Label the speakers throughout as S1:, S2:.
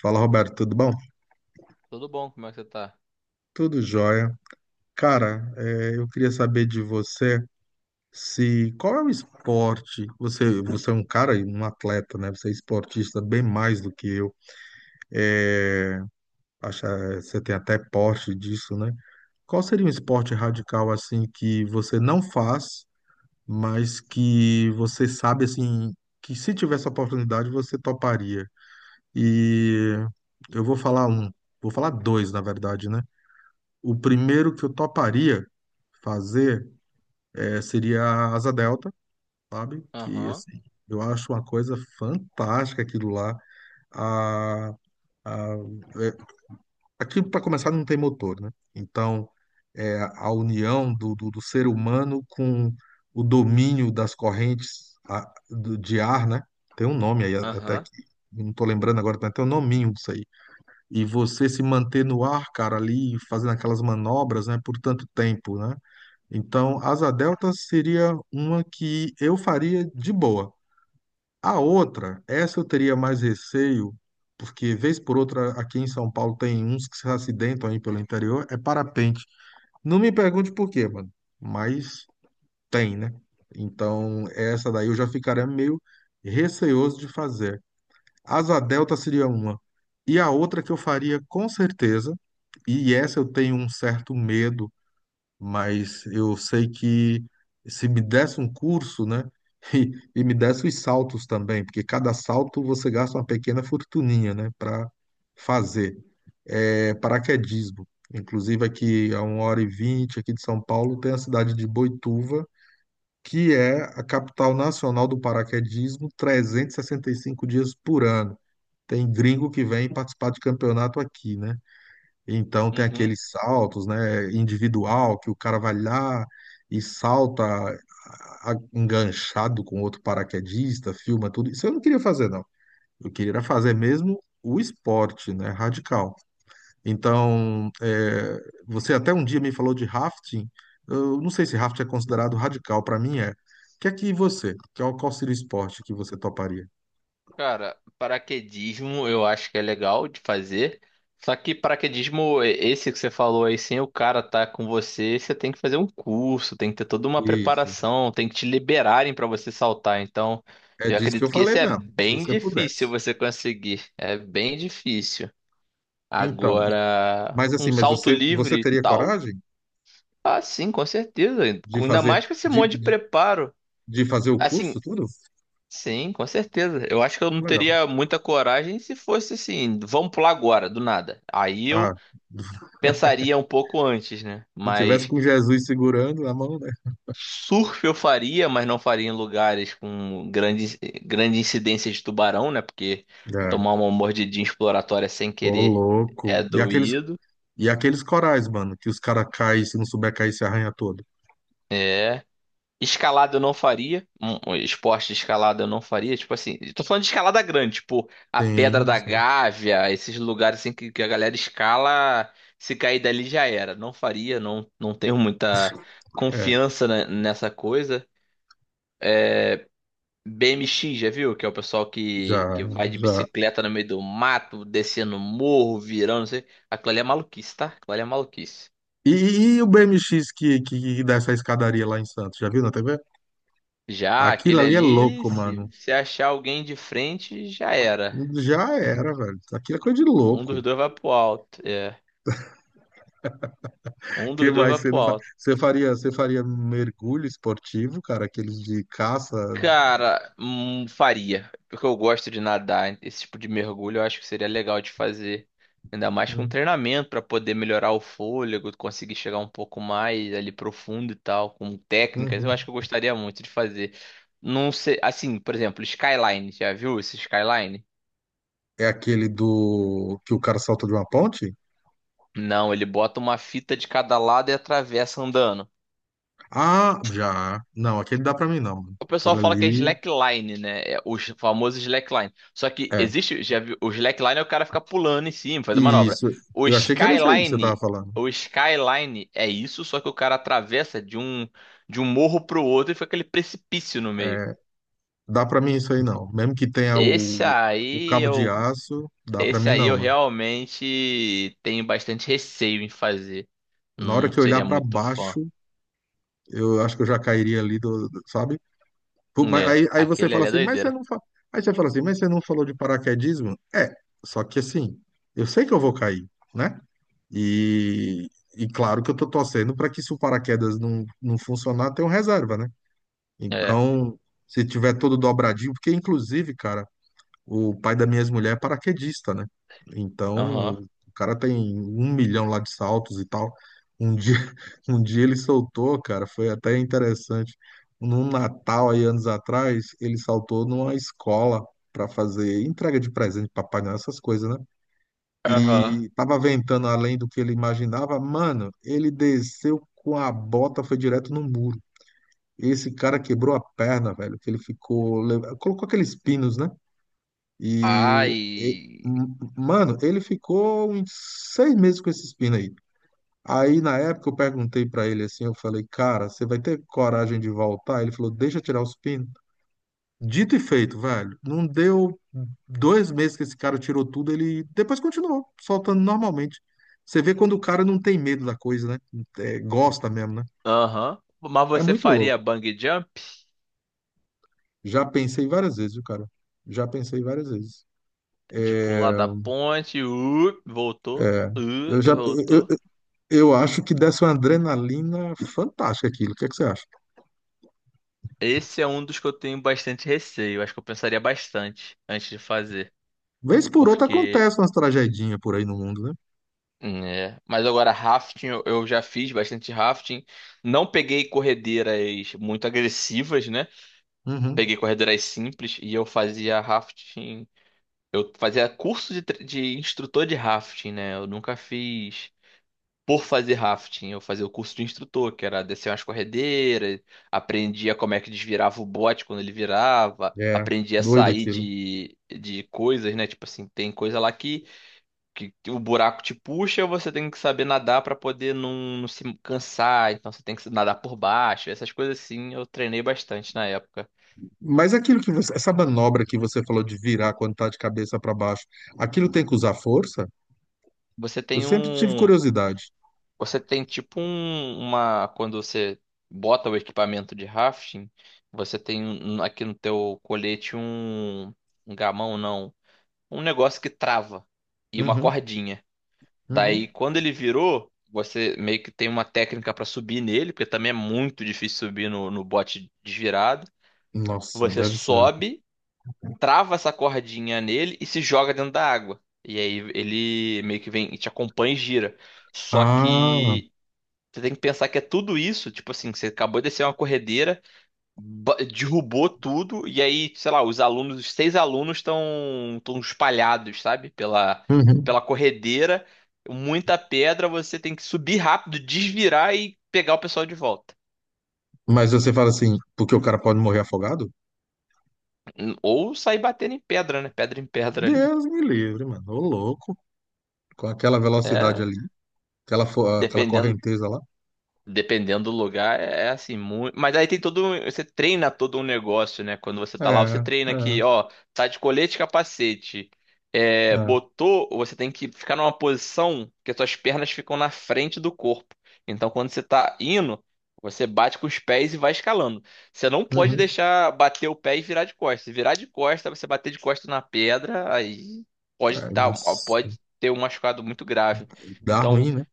S1: Fala, Roberto, tudo bom?
S2: Tudo bom? Como é que você tá?
S1: Tudo jóia. Cara, eu queria saber de você se qual é o esporte? Você é um cara, e um atleta, né? Você é esportista bem mais do que eu. Acha, você tem até porte disso, né? Qual seria um esporte radical assim que você não faz, mas que você sabe assim que se tivesse a oportunidade você toparia? E eu vou falar um, vou falar dois, na verdade, né? O primeiro que eu toparia fazer seria a Asa Delta, sabe? Que,
S2: Aham,
S1: assim, eu acho uma coisa fantástica aquilo lá. A, a, é, Aquilo, para começar, não tem motor, né? Então, é a união do ser humano com o domínio das correntes de ar, né? Tem um nome aí até
S2: aham,
S1: que eu não tô lembrando agora, tem até um nominho disso aí. E você se manter no ar, cara, ali fazendo aquelas manobras, né, por tanto tempo, né? Então, asa delta seria uma que eu faria de boa. A outra, essa eu teria mais receio, porque vez por outra aqui em São Paulo tem uns que se acidentam aí pelo interior, é parapente. Não me pergunte por quê, mano, mas tem, né? Então, essa daí eu já ficaria meio receoso de fazer. Asa delta seria uma. E a outra que eu faria com certeza, e essa eu tenho um certo medo mas eu sei que se me desse um curso, né, e me desse os saltos também, porque cada salto você gasta uma pequena fortuninha, né, para fazer. É, paraquedismo. Inclusive aqui a 1h20 aqui de São Paulo tem a cidade de Boituva, que é a capital nacional do paraquedismo, trezentos e sessenta e cinco dias por ano. Tem gringo que vem participar de campeonato aqui, né? Então tem
S2: uhum.
S1: aqueles saltos, né, individual que o cara vai lá e salta enganchado com outro paraquedista, filma tudo. Isso eu não queria fazer, não. Eu queria era fazer mesmo o esporte, né, radical. Então, é, você até um dia me falou de rafting. Eu não sei se rafting é considerado radical, para mim é. O que é que você, qual seria o esporte que você toparia?
S2: Cara, paraquedismo eu acho que é legal de fazer. Só que paraquedismo, esse que você falou aí, sem o cara tá com você, você tem que fazer um curso, tem que ter toda uma
S1: Isso.
S2: preparação, tem que te liberarem pra você saltar. Então,
S1: É
S2: eu
S1: disso que
S2: acredito
S1: eu
S2: que
S1: falei
S2: esse é
S1: mesmo, se
S2: bem
S1: você
S2: difícil
S1: pudesse.
S2: você conseguir. É bem difícil.
S1: Então,
S2: Agora,
S1: mas
S2: um
S1: assim, mas
S2: salto
S1: você
S2: livre e
S1: teria
S2: tal,
S1: coragem?
S2: ah, sim, com certeza.
S1: De
S2: Ainda
S1: fazer,
S2: mais com esse
S1: de,
S2: monte de
S1: de
S2: preparo.
S1: de fazer o
S2: Assim,
S1: curso, tudo?
S2: sim, com certeza. Eu acho que eu não
S1: Legal.
S2: teria muita coragem se fosse assim, vamos pular agora, do nada. Aí eu
S1: Ah,
S2: pensaria um pouco antes, né?
S1: se tivesse
S2: Mas
S1: com Jesus segurando a mão, né?
S2: surf eu faria, mas não faria em lugares com grande, grande incidência de tubarão, né? Porque
S1: É.
S2: tomar uma mordidinha exploratória sem
S1: Ô,
S2: querer é
S1: louco.
S2: doído.
S1: E aqueles corais, mano, que os caras caem, se não souber cair, se arranha todo.
S2: Escalada eu não faria. Um esporte de escalada eu não faria. Tipo assim, eu tô falando de escalada grande, tipo a Pedra
S1: Sim,
S2: da
S1: sim.
S2: Gávea, esses lugares assim que a galera escala, se cair dali já era. Não faria, não, não tenho muita
S1: É,
S2: confiança nessa coisa. BMX, já viu? Que é o pessoal que,
S1: já,
S2: que vai de
S1: já.
S2: bicicleta no meio do mato, descendo morro, virando, não sei. Aquilo ali é maluquice, tá? Aquilo ali é maluquice.
S1: E, e o BMX que dá essa escadaria lá em Santos, já viu na TV?
S2: Já
S1: Aquilo
S2: aquele
S1: ali é
S2: ali,
S1: louco,
S2: se,
S1: mano.
S2: se achar alguém de frente, já era.
S1: Já era, velho. Aquilo é coisa de
S2: Um dos
S1: louco.
S2: dois vai pro alto. É. Um
S1: Que
S2: dos dois vai
S1: mais você
S2: pro
S1: não faz?
S2: alto.
S1: Você faria mergulho esportivo, cara, aqueles de caça.
S2: Cara, faria. Porque eu gosto de nadar. Esse tipo de mergulho eu acho que seria legal de fazer. Ainda mais com
S1: Hum,
S2: treinamento pra poder melhorar o fôlego, conseguir chegar um pouco mais ali profundo e tal, com técnicas. Eu
S1: uhum.
S2: acho que eu gostaria muito de fazer. Não sei, assim, por exemplo, skyline. Já viu esse skyline?
S1: É aquele do que o cara salta de uma ponte?
S2: Não, ele bota uma fita de cada lado e atravessa andando.
S1: Ah, já. Não, aquele dá pra mim não.
S2: O pessoal
S1: Aquele
S2: fala que é
S1: ali.
S2: slackline, né? É o famoso slackline. Só que
S1: É.
S2: existe, já viu, o slackline é o cara ficar pulando em cima, fazendo manobra.
S1: Isso.
S2: O
S1: Eu achei que era isso aí que você tava
S2: skyline,
S1: falando.
S2: o skyline é isso, só que o cara atravessa de um morro pro outro e fica aquele precipício no meio.
S1: É, dá pra mim isso aí não. Mesmo que tenha
S2: Esse
S1: o
S2: aí
S1: cabo de
S2: eu,
S1: aço, dá pra
S2: esse
S1: mim
S2: aí
S1: não,
S2: eu
S1: mano.
S2: realmente tenho bastante receio em fazer.
S1: Na hora
S2: Não
S1: que eu olhar
S2: seria
S1: pra
S2: muito fã.
S1: baixo, eu acho que eu já cairia ali sabe? Pô, mas
S2: É,
S1: aí você
S2: aquele
S1: fala
S2: ali é
S1: assim, mas você
S2: doideira.
S1: não fa... Aí você fala assim, mas você não falou de paraquedismo? É, só que assim, eu sei que eu vou cair, né? E, e claro que eu tô torcendo para que se o paraquedas não, não funcionar, tenha um reserva, né?
S2: É,
S1: Então, se tiver todo dobradinho, porque inclusive, cara, o pai da minha ex-mulher é paraquedista, né? Então,
S2: aham.
S1: o cara tem um milhão lá de saltos e tal. Um dia, um dia ele soltou, cara, foi até interessante. Num Natal aí anos atrás, ele saltou numa escola para fazer entrega de presente, Papai Noel, essas coisas, né?
S2: Aham.
S1: E tava ventando além do que ele imaginava. Mano, ele desceu com a bota, foi direto no muro. Esse cara quebrou a perna, velho, que ele ficou. Colocou aqueles pinos, né? E. e-
S2: Ai.
S1: Mano, ele ficou uns 6 meses com esses pinos aí. Aí, na época, eu perguntei pra ele assim: eu falei, cara, você vai ter coragem de voltar? Ele falou, deixa eu tirar os pinos. Dito e feito, velho. Não deu 2 meses que esse cara tirou tudo, ele depois continuou soltando normalmente. Você vê quando o cara não tem medo da coisa, né? É, gosta mesmo, né?
S2: Aham. Mas
S1: É
S2: você
S1: muito
S2: faria
S1: louco.
S2: bang jump?
S1: Já pensei várias vezes, viu, cara? Já pensei várias vezes.
S2: De pular da ponte, voltou,
S1: Eu já, eu,
S2: voltou.
S1: eu acho que desse uma adrenalina fantástica aquilo. O que é que você acha?
S2: Esse é um dos que eu tenho bastante receio. Acho que eu pensaria bastante antes de fazer.
S1: Vez por outra
S2: Porque.
S1: acontece umas tragedinhas por aí no mundo, né?
S2: Né? Mas agora, rafting, eu já fiz bastante rafting. Não peguei corredeiras muito agressivas, né?
S1: Uhum.
S2: Peguei corredeiras simples e eu fazia rafting. Eu fazia curso de, de instrutor de rafting, né? Eu nunca fiz. Por fazer rafting, eu fazia o curso de instrutor, que era descer umas corredeiras, aprendia como é que desvirava o bote quando ele virava,
S1: É,
S2: aprendia a
S1: doido
S2: sair
S1: aquilo.
S2: de coisas, né? Tipo assim, tem coisa lá que o buraco te puxa, você tem que saber nadar pra poder não, não se cansar, então você tem que nadar por baixo, essas coisas assim, eu treinei bastante na época.
S1: Mas aquilo que você, essa manobra que você falou de virar quando tá de cabeça para baixo, aquilo tem que usar força?
S2: Você
S1: Eu
S2: tem
S1: sempre tive
S2: um,
S1: curiosidade.
S2: Você tem tipo um, uma. Quando você bota o equipamento de rafting, você tem um, aqui no teu colete um gamão, não. Um negócio que trava e uma
S1: Uhum,
S2: cordinha. Daí,
S1: uhum.
S2: quando ele virou, você meio que tem uma técnica pra subir nele, porque também é muito difícil subir no, no bote desvirado.
S1: Nossa,
S2: Você
S1: deve ser.
S2: sobe, trava essa cordinha nele e se joga dentro da água. E aí ele meio que vem e te acompanha e gira. Só
S1: Ah,
S2: que. Você tem que pensar que é tudo isso, tipo assim, que você acabou de descer uma corredeira, derrubou tudo, e aí, sei lá, os alunos, os seis alunos estão espalhados, sabe? Pela,
S1: uhum.
S2: pela corredeira, muita pedra, você tem que subir rápido, desvirar e pegar o pessoal de volta.
S1: Mas você fala assim, porque o cara pode morrer afogado?
S2: Ou sair batendo em pedra, né? Pedra em pedra ali.
S1: Deus me livre, mano. Ô louco, com aquela velocidade
S2: É,
S1: ali, aquela
S2: dependendo
S1: correnteza lá.
S2: Dependendo do lugar, é assim, muito. Mas aí tem todo. Você treina todo um negócio, né? Quando você
S1: É,
S2: tá lá, você
S1: é,
S2: treina que, ó, tá de colete e capacete. É,
S1: é.
S2: botou, você tem que ficar numa posição que as suas pernas ficam na frente do corpo. Então, quando você tá indo, você bate com os pés e vai escalando. Você não pode
S1: Uhum.
S2: deixar bater o pé e virar de costas. Se virar de costas, você bater de costas na pedra, aí pode
S1: É,
S2: dar,
S1: nossa,
S2: pode ter um machucado muito grave.
S1: dá
S2: Então,
S1: ruim, né?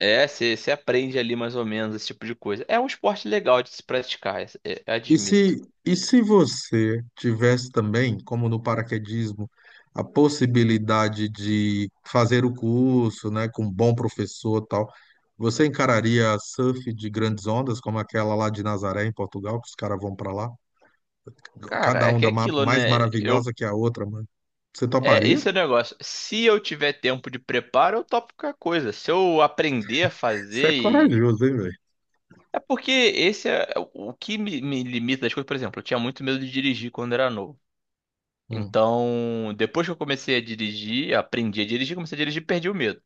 S2: é, você você aprende ali mais ou menos esse tipo de coisa. É um esporte legal de se praticar, admito.
S1: E se você tivesse também, como no paraquedismo, a possibilidade de fazer o curso, né, com um bom professor e tal, você encararia surf de grandes ondas, como aquela lá de Nazaré, em Portugal, que os caras vão para lá?
S2: Cara,
S1: Cada
S2: é que é
S1: onda
S2: aquilo,
S1: mais
S2: né? Eu,
S1: maravilhosa que a outra, mano. Você
S2: é,
S1: toparia?
S2: esse é o negócio. Se eu tiver tempo de preparo, eu topo qualquer coisa. Se eu aprender a
S1: Você é
S2: fazer e.
S1: corajoso, hein, velho?
S2: É porque esse é o que me limita das coisas. Por exemplo, eu tinha muito medo de dirigir quando era novo.
S1: Hum,
S2: Então, depois que eu comecei a dirigir, aprendi a dirigir, comecei a dirigir, perdi o medo.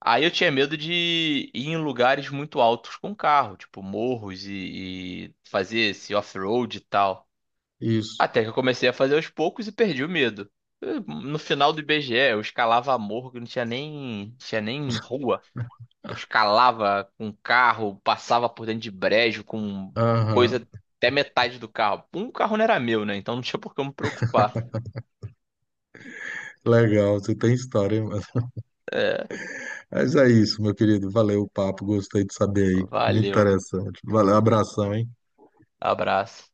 S2: Aí eu tinha medo de ir em lugares muito altos com carro, tipo morros e fazer esse off-road e tal.
S1: isso.
S2: Até que eu comecei a fazer aos poucos e perdi o medo. No final do IBGE, eu escalava morro que não tinha nem, tinha nem rua. Eu escalava com carro, passava por dentro de brejo com coisa
S1: Aham.
S2: até metade do carro. Um carro não era meu, né? Então não tinha por que eu me preocupar.
S1: Legal, você tem história, hein, mano?
S2: É,
S1: Mas é isso, meu querido. Valeu o papo, gostei de saber aí. Muito
S2: valeu.
S1: interessante. Valeu, abração, hein?
S2: Abraço.